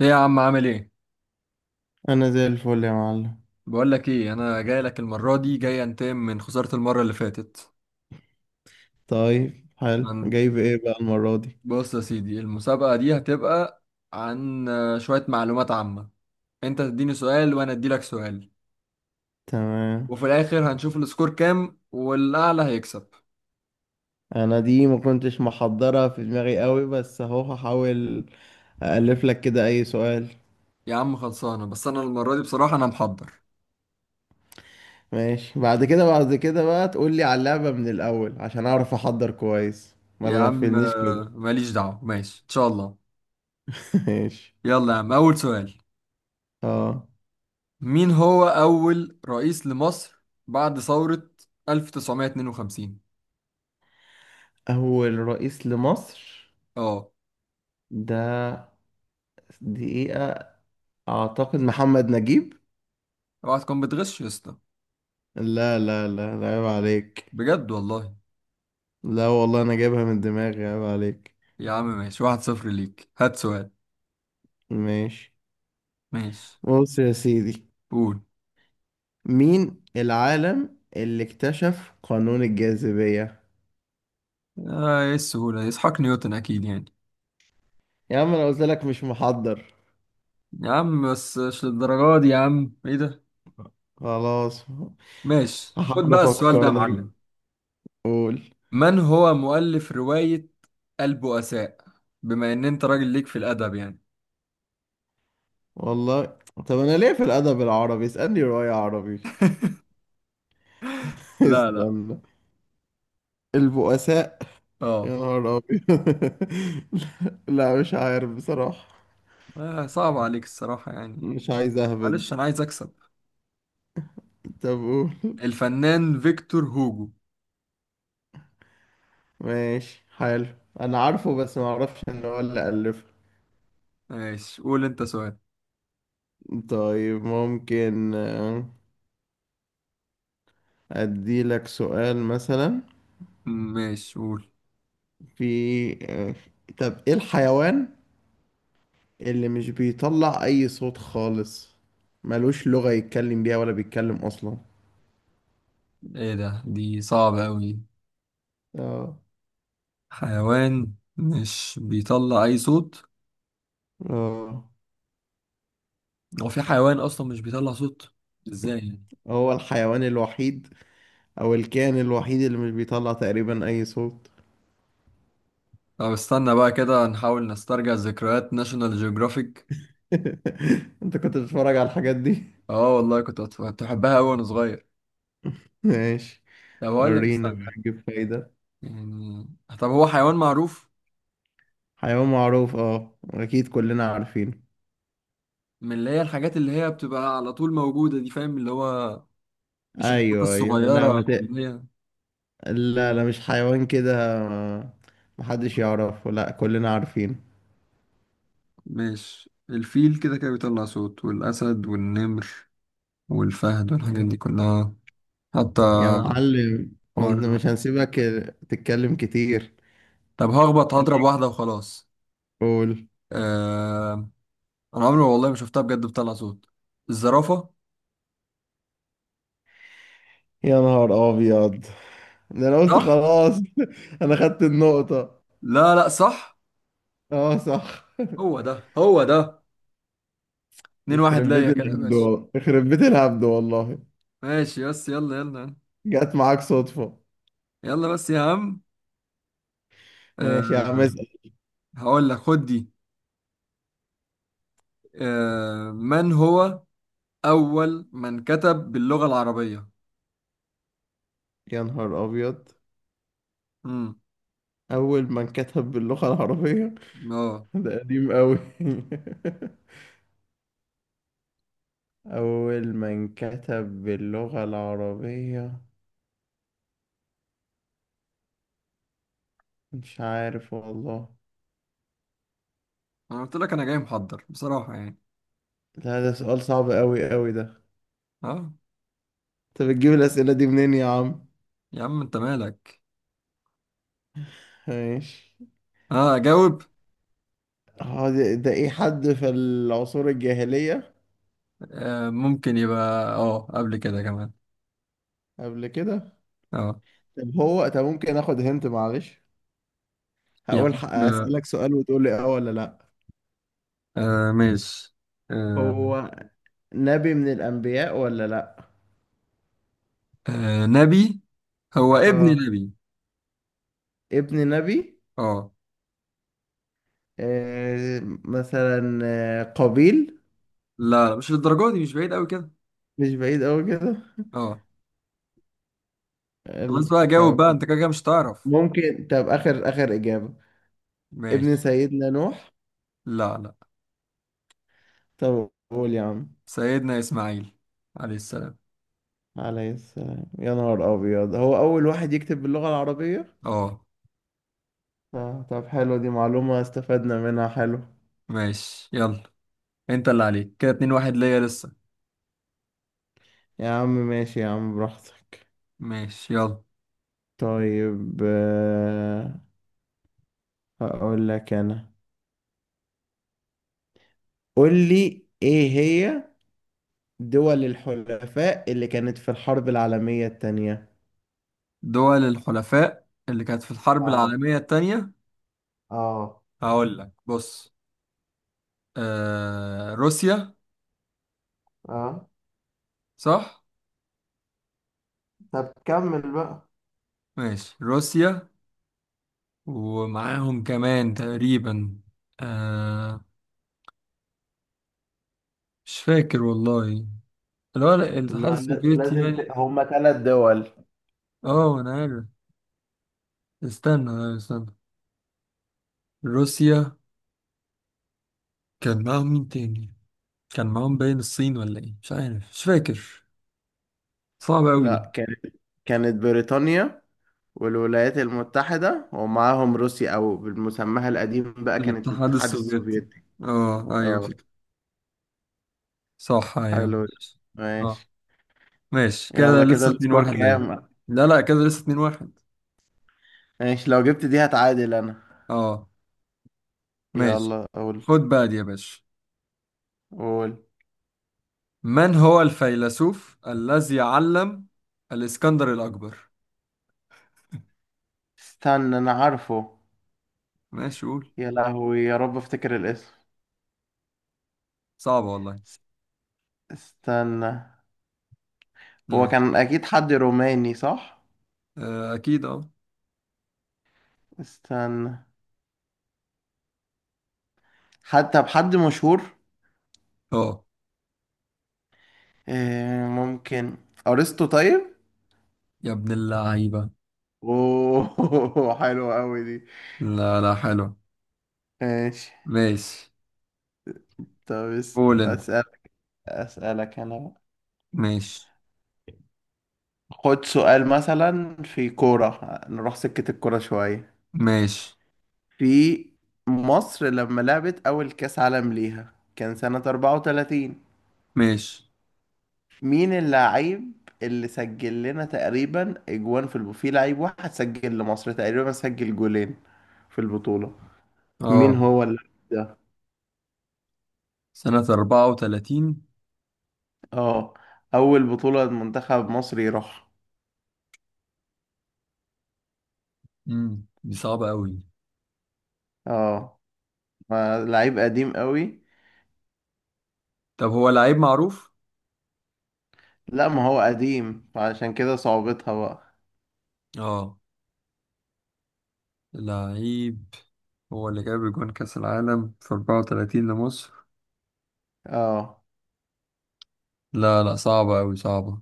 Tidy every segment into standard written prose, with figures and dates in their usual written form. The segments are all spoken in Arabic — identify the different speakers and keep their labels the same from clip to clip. Speaker 1: ايه يا عم، عامل ايه؟
Speaker 2: انا زي الفل يا معلم.
Speaker 1: بقول لك ايه، انا جاي لك المره دي، جاي انتقم من خساره المره اللي فاتت.
Speaker 2: طيب حلو،
Speaker 1: عن
Speaker 2: جايب ايه بقى المرة دي؟
Speaker 1: بص يا سيدي، المسابقه دي هتبقى عن شويه معلومات عامه. انت تديني سؤال وانا ادي لك سؤال،
Speaker 2: تمام.
Speaker 1: وفي الاخر هنشوف السكور كام والاعلى هيكسب.
Speaker 2: انا دي ما كنتش محضرة في دماغي قوي، بس اهو هحاول أألف لك كده اي سؤال.
Speaker 1: يا عم خلصانه، بس انا المره دي بصراحه انا محضر.
Speaker 2: ماشي، بعد كده بقى تقول لي على اللعبة من الاول عشان اعرف احضر كويس، ما
Speaker 1: يا عم
Speaker 2: تغفلنيش كده.
Speaker 1: ماليش دعوه، ماشي ان شاء الله.
Speaker 2: ماشي.
Speaker 1: يلا يا عم، اول سؤال:
Speaker 2: اه.
Speaker 1: مين هو اول رئيس لمصر بعد ثوره 1952؟
Speaker 2: اول رئيس لمصر.
Speaker 1: اه.
Speaker 2: ده دقيقة، اعتقد محمد نجيب.
Speaker 1: اوعى تكون بتغش يا اسطى.
Speaker 2: لا لا لا لا، عيب عليك.
Speaker 1: بجد والله.
Speaker 2: لا والله انا جايبها من دماغي، عيب عليك.
Speaker 1: يا عم ماشي، 1-0 ليك، هات سؤال.
Speaker 2: ماشي.
Speaker 1: ماشي،
Speaker 2: بص يا سيدي،
Speaker 1: قول.
Speaker 2: مين العالم اللي اكتشف قانون الجاذبية؟
Speaker 1: آه، ايه السهولة دي؟ اسحاق نيوتن اكيد يعني.
Speaker 2: يا عم انا قلت لك مش محضر.
Speaker 1: يا عم بس مش للدرجة دي يا عم، ايه ده؟
Speaker 2: خلاص.
Speaker 1: ماشي، خد
Speaker 2: هحاول
Speaker 1: بقى السؤال ده
Speaker 2: افكر
Speaker 1: يا
Speaker 2: لك.
Speaker 1: معلم.
Speaker 2: قول.
Speaker 1: من هو مؤلف رواية البؤساء؟ بما ان انت راجل ليك في الادب يعني.
Speaker 2: والله. طب انا ليه في الادب العربي؟ اسألني رواية عربي.
Speaker 1: لا لا.
Speaker 2: استنى. البؤساء. يا
Speaker 1: اه.
Speaker 2: نهار ابيض. لا، مش عارف بصراحة.
Speaker 1: آه، صعب عليك الصراحة يعني.
Speaker 2: مش عايز اهبد.
Speaker 1: معلش انا عايز اكسب.
Speaker 2: طب قول.
Speaker 1: الفنان فيكتور هوجو.
Speaker 2: ماشي، حلو. انا عارفه بس ما اعرفش ان هو اللي الفه.
Speaker 1: ماشي، قول انت سؤال.
Speaker 2: طيب ممكن، أديلك سؤال مثلا.
Speaker 1: ماشي قول.
Speaker 2: في آه، طب إيه الحيوان اللي مش بيطلع أي صوت خالص، ملوش لغة يتكلم بيها ولا بيتكلم أصلا.
Speaker 1: ايه ده، دي صعبة أوي.
Speaker 2: اه.
Speaker 1: حيوان مش بيطلع أي صوت؟
Speaker 2: اه.
Speaker 1: هو في حيوان أصلا مش بيطلع صوت؟ ازاي يعني؟
Speaker 2: هو الحيوان الوحيد أو الكائن الوحيد اللي مش بيطلع تقريبا أي صوت.
Speaker 1: طب استنى بقى كده نحاول نسترجع ذكريات ناشونال جيوغرافيك.
Speaker 2: أنت كنت بتتفرج على الحاجات دي؟
Speaker 1: اه والله، كنت بحبها أوي وأنا صغير.
Speaker 2: ماشي.
Speaker 1: طب هقول لك،
Speaker 2: ورينا
Speaker 1: استنى.
Speaker 2: بقى نجيب فايدة.
Speaker 1: يعني، طب هو حيوان معروف.
Speaker 2: حيوان معروف، اه أكيد كلنا عارفينه.
Speaker 1: من اللي هي الحاجات اللي هي بتبقى على طول موجودة دي، فاهم؟ اللي هو مش الحاجات
Speaker 2: ايوه ايوه، لا ما
Speaker 1: الصغيرة
Speaker 2: ت...
Speaker 1: أو اللي هي.
Speaker 2: لا لا مش حيوان كده. محدش يعرفه، لا كلنا عارفينه.
Speaker 1: مش الفيل كده كده بيطلع صوت، والأسد والنمر والفهد والحاجات
Speaker 2: تمام.
Speaker 1: دي كلها. حتى.
Speaker 2: يا معلم ما
Speaker 1: حوار.
Speaker 2: انت مش هنسيبك تتكلم كتير.
Speaker 1: طب هخبط، هضرب
Speaker 2: ليك،
Speaker 1: واحدة وخلاص.
Speaker 2: قول.
Speaker 1: آه... أنا عمري والله ما شفتها بجد بتطلع صوت، الزرافة.
Speaker 2: يا نهار ابيض، ده انا قلت
Speaker 1: صح؟
Speaker 2: خلاص انا خدت النقطة.
Speaker 1: لا لا صح.
Speaker 2: اه صح.
Speaker 1: هو ده، هو ده. 2-1
Speaker 2: يخرب بيت
Speaker 1: ليا كده،
Speaker 2: الهبد
Speaker 1: ماشي.
Speaker 2: والله، يخرب بيت الهبد والله.
Speaker 1: ماشي بس، يلا يلا.
Speaker 2: جت معاك صدفة.
Speaker 1: يلا بس يا عم.
Speaker 2: ماشي يا عم،
Speaker 1: آه...
Speaker 2: اسأل.
Speaker 1: هقول لك خد دي. من هو أول من كتب باللغة العربية؟
Speaker 2: يا نهار ابيض.
Speaker 1: امم
Speaker 2: اول من كتب باللغة العربية.
Speaker 1: اه.
Speaker 2: ده قديم قوي. أول ما انكتب باللغة العربية، مش عارف والله.
Speaker 1: أنا قلت لك أنا جاي محضر بصراحة يعني.
Speaker 2: لا ده سؤال صعب أوي أوي ده.
Speaker 1: اه.
Speaker 2: أنت بتجيب الأسئلة دي منين يا عم؟
Speaker 1: يا عم أنت مالك؟
Speaker 2: ماشي.
Speaker 1: اه، جاوب.
Speaker 2: اه، ده إيه، حد في العصور الجاهلية؟
Speaker 1: ممكن يبقى. اه، قبل كده كمان.
Speaker 2: قبل كده؟
Speaker 1: اه.
Speaker 2: طب ممكن آخد هنت، معلش. هقول،
Speaker 1: يعني آه.
Speaker 2: أسألك سؤال وتقول لي آه ولا لأ.
Speaker 1: ماشي. آه.
Speaker 2: هو نبي من الأنبياء ولا لأ؟
Speaker 1: آه نبي. هو ابن
Speaker 2: آه
Speaker 1: نبي.
Speaker 2: ابن نبي.
Speaker 1: اه.
Speaker 2: آه. مثلا قابيل.
Speaker 1: لا لا، مش للدرجة دي، مش بعيد قوي كده.
Speaker 2: مش بعيد أوي كده.
Speaker 1: اه. خلاص بقى جاوب
Speaker 2: طب
Speaker 1: بقى، انت كده كده مش تعرف.
Speaker 2: ممكن، آخر إجابة. ابن
Speaker 1: ماشي.
Speaker 2: سيدنا نوح.
Speaker 1: لا لا.
Speaker 2: طب قول يا عم.
Speaker 1: سيدنا اسماعيل عليه السلام.
Speaker 2: عليه السلام؟ يا نهار أبيض، هو أول واحد يكتب باللغة العربية؟
Speaker 1: اه.
Speaker 2: طب حلو، دي معلومة استفدنا منها، حلو.
Speaker 1: ماشي يلا. انت اللي عليك كده، 2-1 ليا لسه.
Speaker 2: يا عم ماشي يا عم براحتك.
Speaker 1: ماشي يلا.
Speaker 2: طيب، هقول لك أنا. قول لي إيه هي دول الحلفاء اللي كانت في الحرب العالمية التانية.
Speaker 1: دول الحلفاء اللي كانت في الحرب
Speaker 2: اه.
Speaker 1: العالمية التانية.
Speaker 2: اه.
Speaker 1: هقول لك بص: روسيا.
Speaker 2: اه.
Speaker 1: صح.
Speaker 2: طب كمل بقى.
Speaker 1: ماشي، روسيا، ومعاهم كمان تقريبا آه مش فاكر والله. اللي هو
Speaker 2: لا
Speaker 1: الاتحاد
Speaker 2: لا-
Speaker 1: السوفيتي يعني.
Speaker 2: هما ثلاث دول.
Speaker 1: اه انا عارف. استنى استنى. روسيا، كان معاهم مين تاني؟ كان معاهم باين الصين ولا ايه، مش عارف، مش فاكر. صعبة قوي دي.
Speaker 2: لا، كانت بريطانيا والولايات المتحدة، ومعاهم روسيا أو بالمسمى القديم بقى كانت
Speaker 1: الاتحاد
Speaker 2: الاتحاد
Speaker 1: السوفيتي.
Speaker 2: السوفيتي.
Speaker 1: اه ايوه،
Speaker 2: اه.
Speaker 1: فكرة. صح ايوه
Speaker 2: حلو ده.
Speaker 1: ماشي.
Speaker 2: ماشي.
Speaker 1: اه. ماشي كده،
Speaker 2: يلا، كده
Speaker 1: لسه 2
Speaker 2: السكور
Speaker 1: 1 ليا.
Speaker 2: كام؟
Speaker 1: لا لا، كده لسه 2-1.
Speaker 2: ماشي، لو جبت دي هتعادل أنا.
Speaker 1: اه. ماشي،
Speaker 2: يلا قول.
Speaker 1: خد بقى دي يا باشا.
Speaker 2: قول.
Speaker 1: من هو الفيلسوف الذي علم الإسكندر الأكبر؟
Speaker 2: استنى، أنا عارفه.
Speaker 1: ماشي قول.
Speaker 2: يا لهوي، يا رب افتكر الاسم.
Speaker 1: صعبة والله.
Speaker 2: اس- استنى. هو
Speaker 1: ماشي.
Speaker 2: كان أكيد حد روماني، صح؟
Speaker 1: أكيد أه.
Speaker 2: استنى، حتى بحد مشهور.
Speaker 1: أه.
Speaker 2: إيه ممكن، أرسطو؟ طيب.
Speaker 1: يا ابن اللعيبة.
Speaker 2: اوه حلوة قوي دي.
Speaker 1: لا لا حلو.
Speaker 2: ماشي.
Speaker 1: ماشي.
Speaker 2: طب
Speaker 1: قول أنت.
Speaker 2: اسالك انا بقى.
Speaker 1: ماشي.
Speaker 2: خد سؤال مثلا في كورة، نروح سكة الكورة شوية.
Speaker 1: ماشي
Speaker 2: في مصر لما لعبت أول كأس عالم ليها كان سنة 34،
Speaker 1: ماشي.
Speaker 2: مين اللاعب اللي سجل لنا تقريبا أجوان في لعيب واحد سجل لمصر تقريبا، سجل جولين في البطولة. مين
Speaker 1: أه.
Speaker 2: هو اللاعب ده؟
Speaker 1: سنة 34.
Speaker 2: اه، أول بطولة منتخب مصر يروح.
Speaker 1: دي صعبة أوي.
Speaker 2: اه، فلعيب قديم قوي.
Speaker 1: طب هو لعيب معروف؟
Speaker 2: لا ما هو قديم، فعشان كده صعوبتها بقى.
Speaker 1: أه. لعيب هو اللي جاب جون كأس العالم في 34 لمصر؟
Speaker 2: اه.
Speaker 1: لا لا، صعبة أوي، صعبة.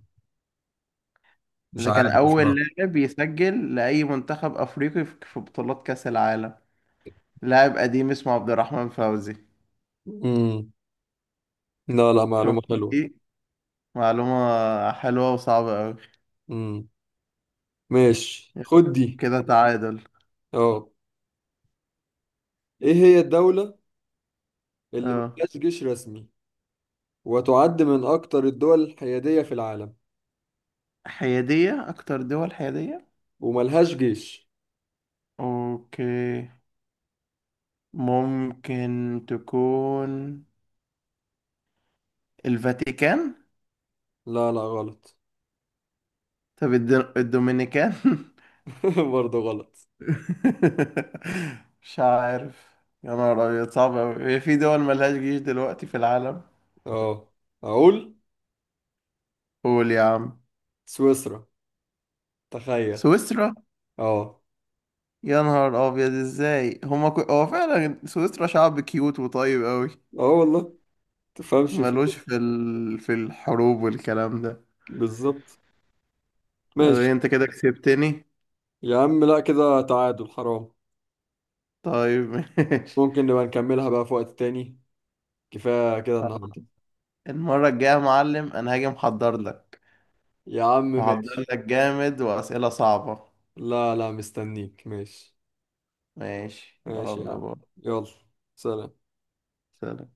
Speaker 1: مش
Speaker 2: ده كان
Speaker 1: عارف
Speaker 2: اول
Speaker 1: بصراحة.
Speaker 2: لاعب يسجل لاي منتخب افريقي في بطولات كاس العالم. لاعب قديم اسمه عبد الرحمن فوزي.
Speaker 1: امم لا لا،
Speaker 2: شوف،
Speaker 1: معلومة حلوة.
Speaker 2: ايه، معلومة حلوة وصعبة قوي.
Speaker 1: امم ماشي، خد دي.
Speaker 2: كده تعادل.
Speaker 1: اه. ايه هي الدولة اللي
Speaker 2: اه.
Speaker 1: ملهاش جيش رسمي، وتعد من اكتر الدول الحيادية في العالم
Speaker 2: حيادية، اكتر دول حيادية.
Speaker 1: وملهاش جيش؟
Speaker 2: اوكي، ممكن تكون الفاتيكان.
Speaker 1: لا لا غلط.
Speaker 2: طب الدومينيكان.
Speaker 1: برضه غلط.
Speaker 2: مش عارف. يا نهار أبيض صعب أوي، هي في دول ملهاش جيش دلوقتي في العالم؟
Speaker 1: اه اقول.
Speaker 2: قول يا عم.
Speaker 1: سويسرا، تخيل.
Speaker 2: سويسرا.
Speaker 1: اه.
Speaker 2: يا نهار أبيض، إزاي هما هو فعلا سويسرا شعب كيوت وطيب أوي.
Speaker 1: اه والله. تفهمش في
Speaker 2: ملوش
Speaker 1: إيه.
Speaker 2: في الحروب والكلام ده.
Speaker 1: بالظبط.
Speaker 2: طب
Speaker 1: ماشي
Speaker 2: إيه، أنت كده كسبتني.
Speaker 1: يا عم، لا كده تعادل، حرام.
Speaker 2: طيب ماشي.
Speaker 1: ممكن نبقى نكملها بقى في وقت تاني، كفاية كده
Speaker 2: خلاص.
Speaker 1: النهاردة.
Speaker 2: المرة الجاية يا معلم أنا هاجي محضر لك،
Speaker 1: يا عم
Speaker 2: محضر
Speaker 1: ماشي.
Speaker 2: لك جامد وأسئلة صعبة.
Speaker 1: لا لا مستنيك، ماشي.
Speaker 2: ماشي
Speaker 1: ماشي يا
Speaker 2: يلا
Speaker 1: عم.
Speaker 2: بقى.
Speaker 1: يلا. سلام.
Speaker 2: سلام.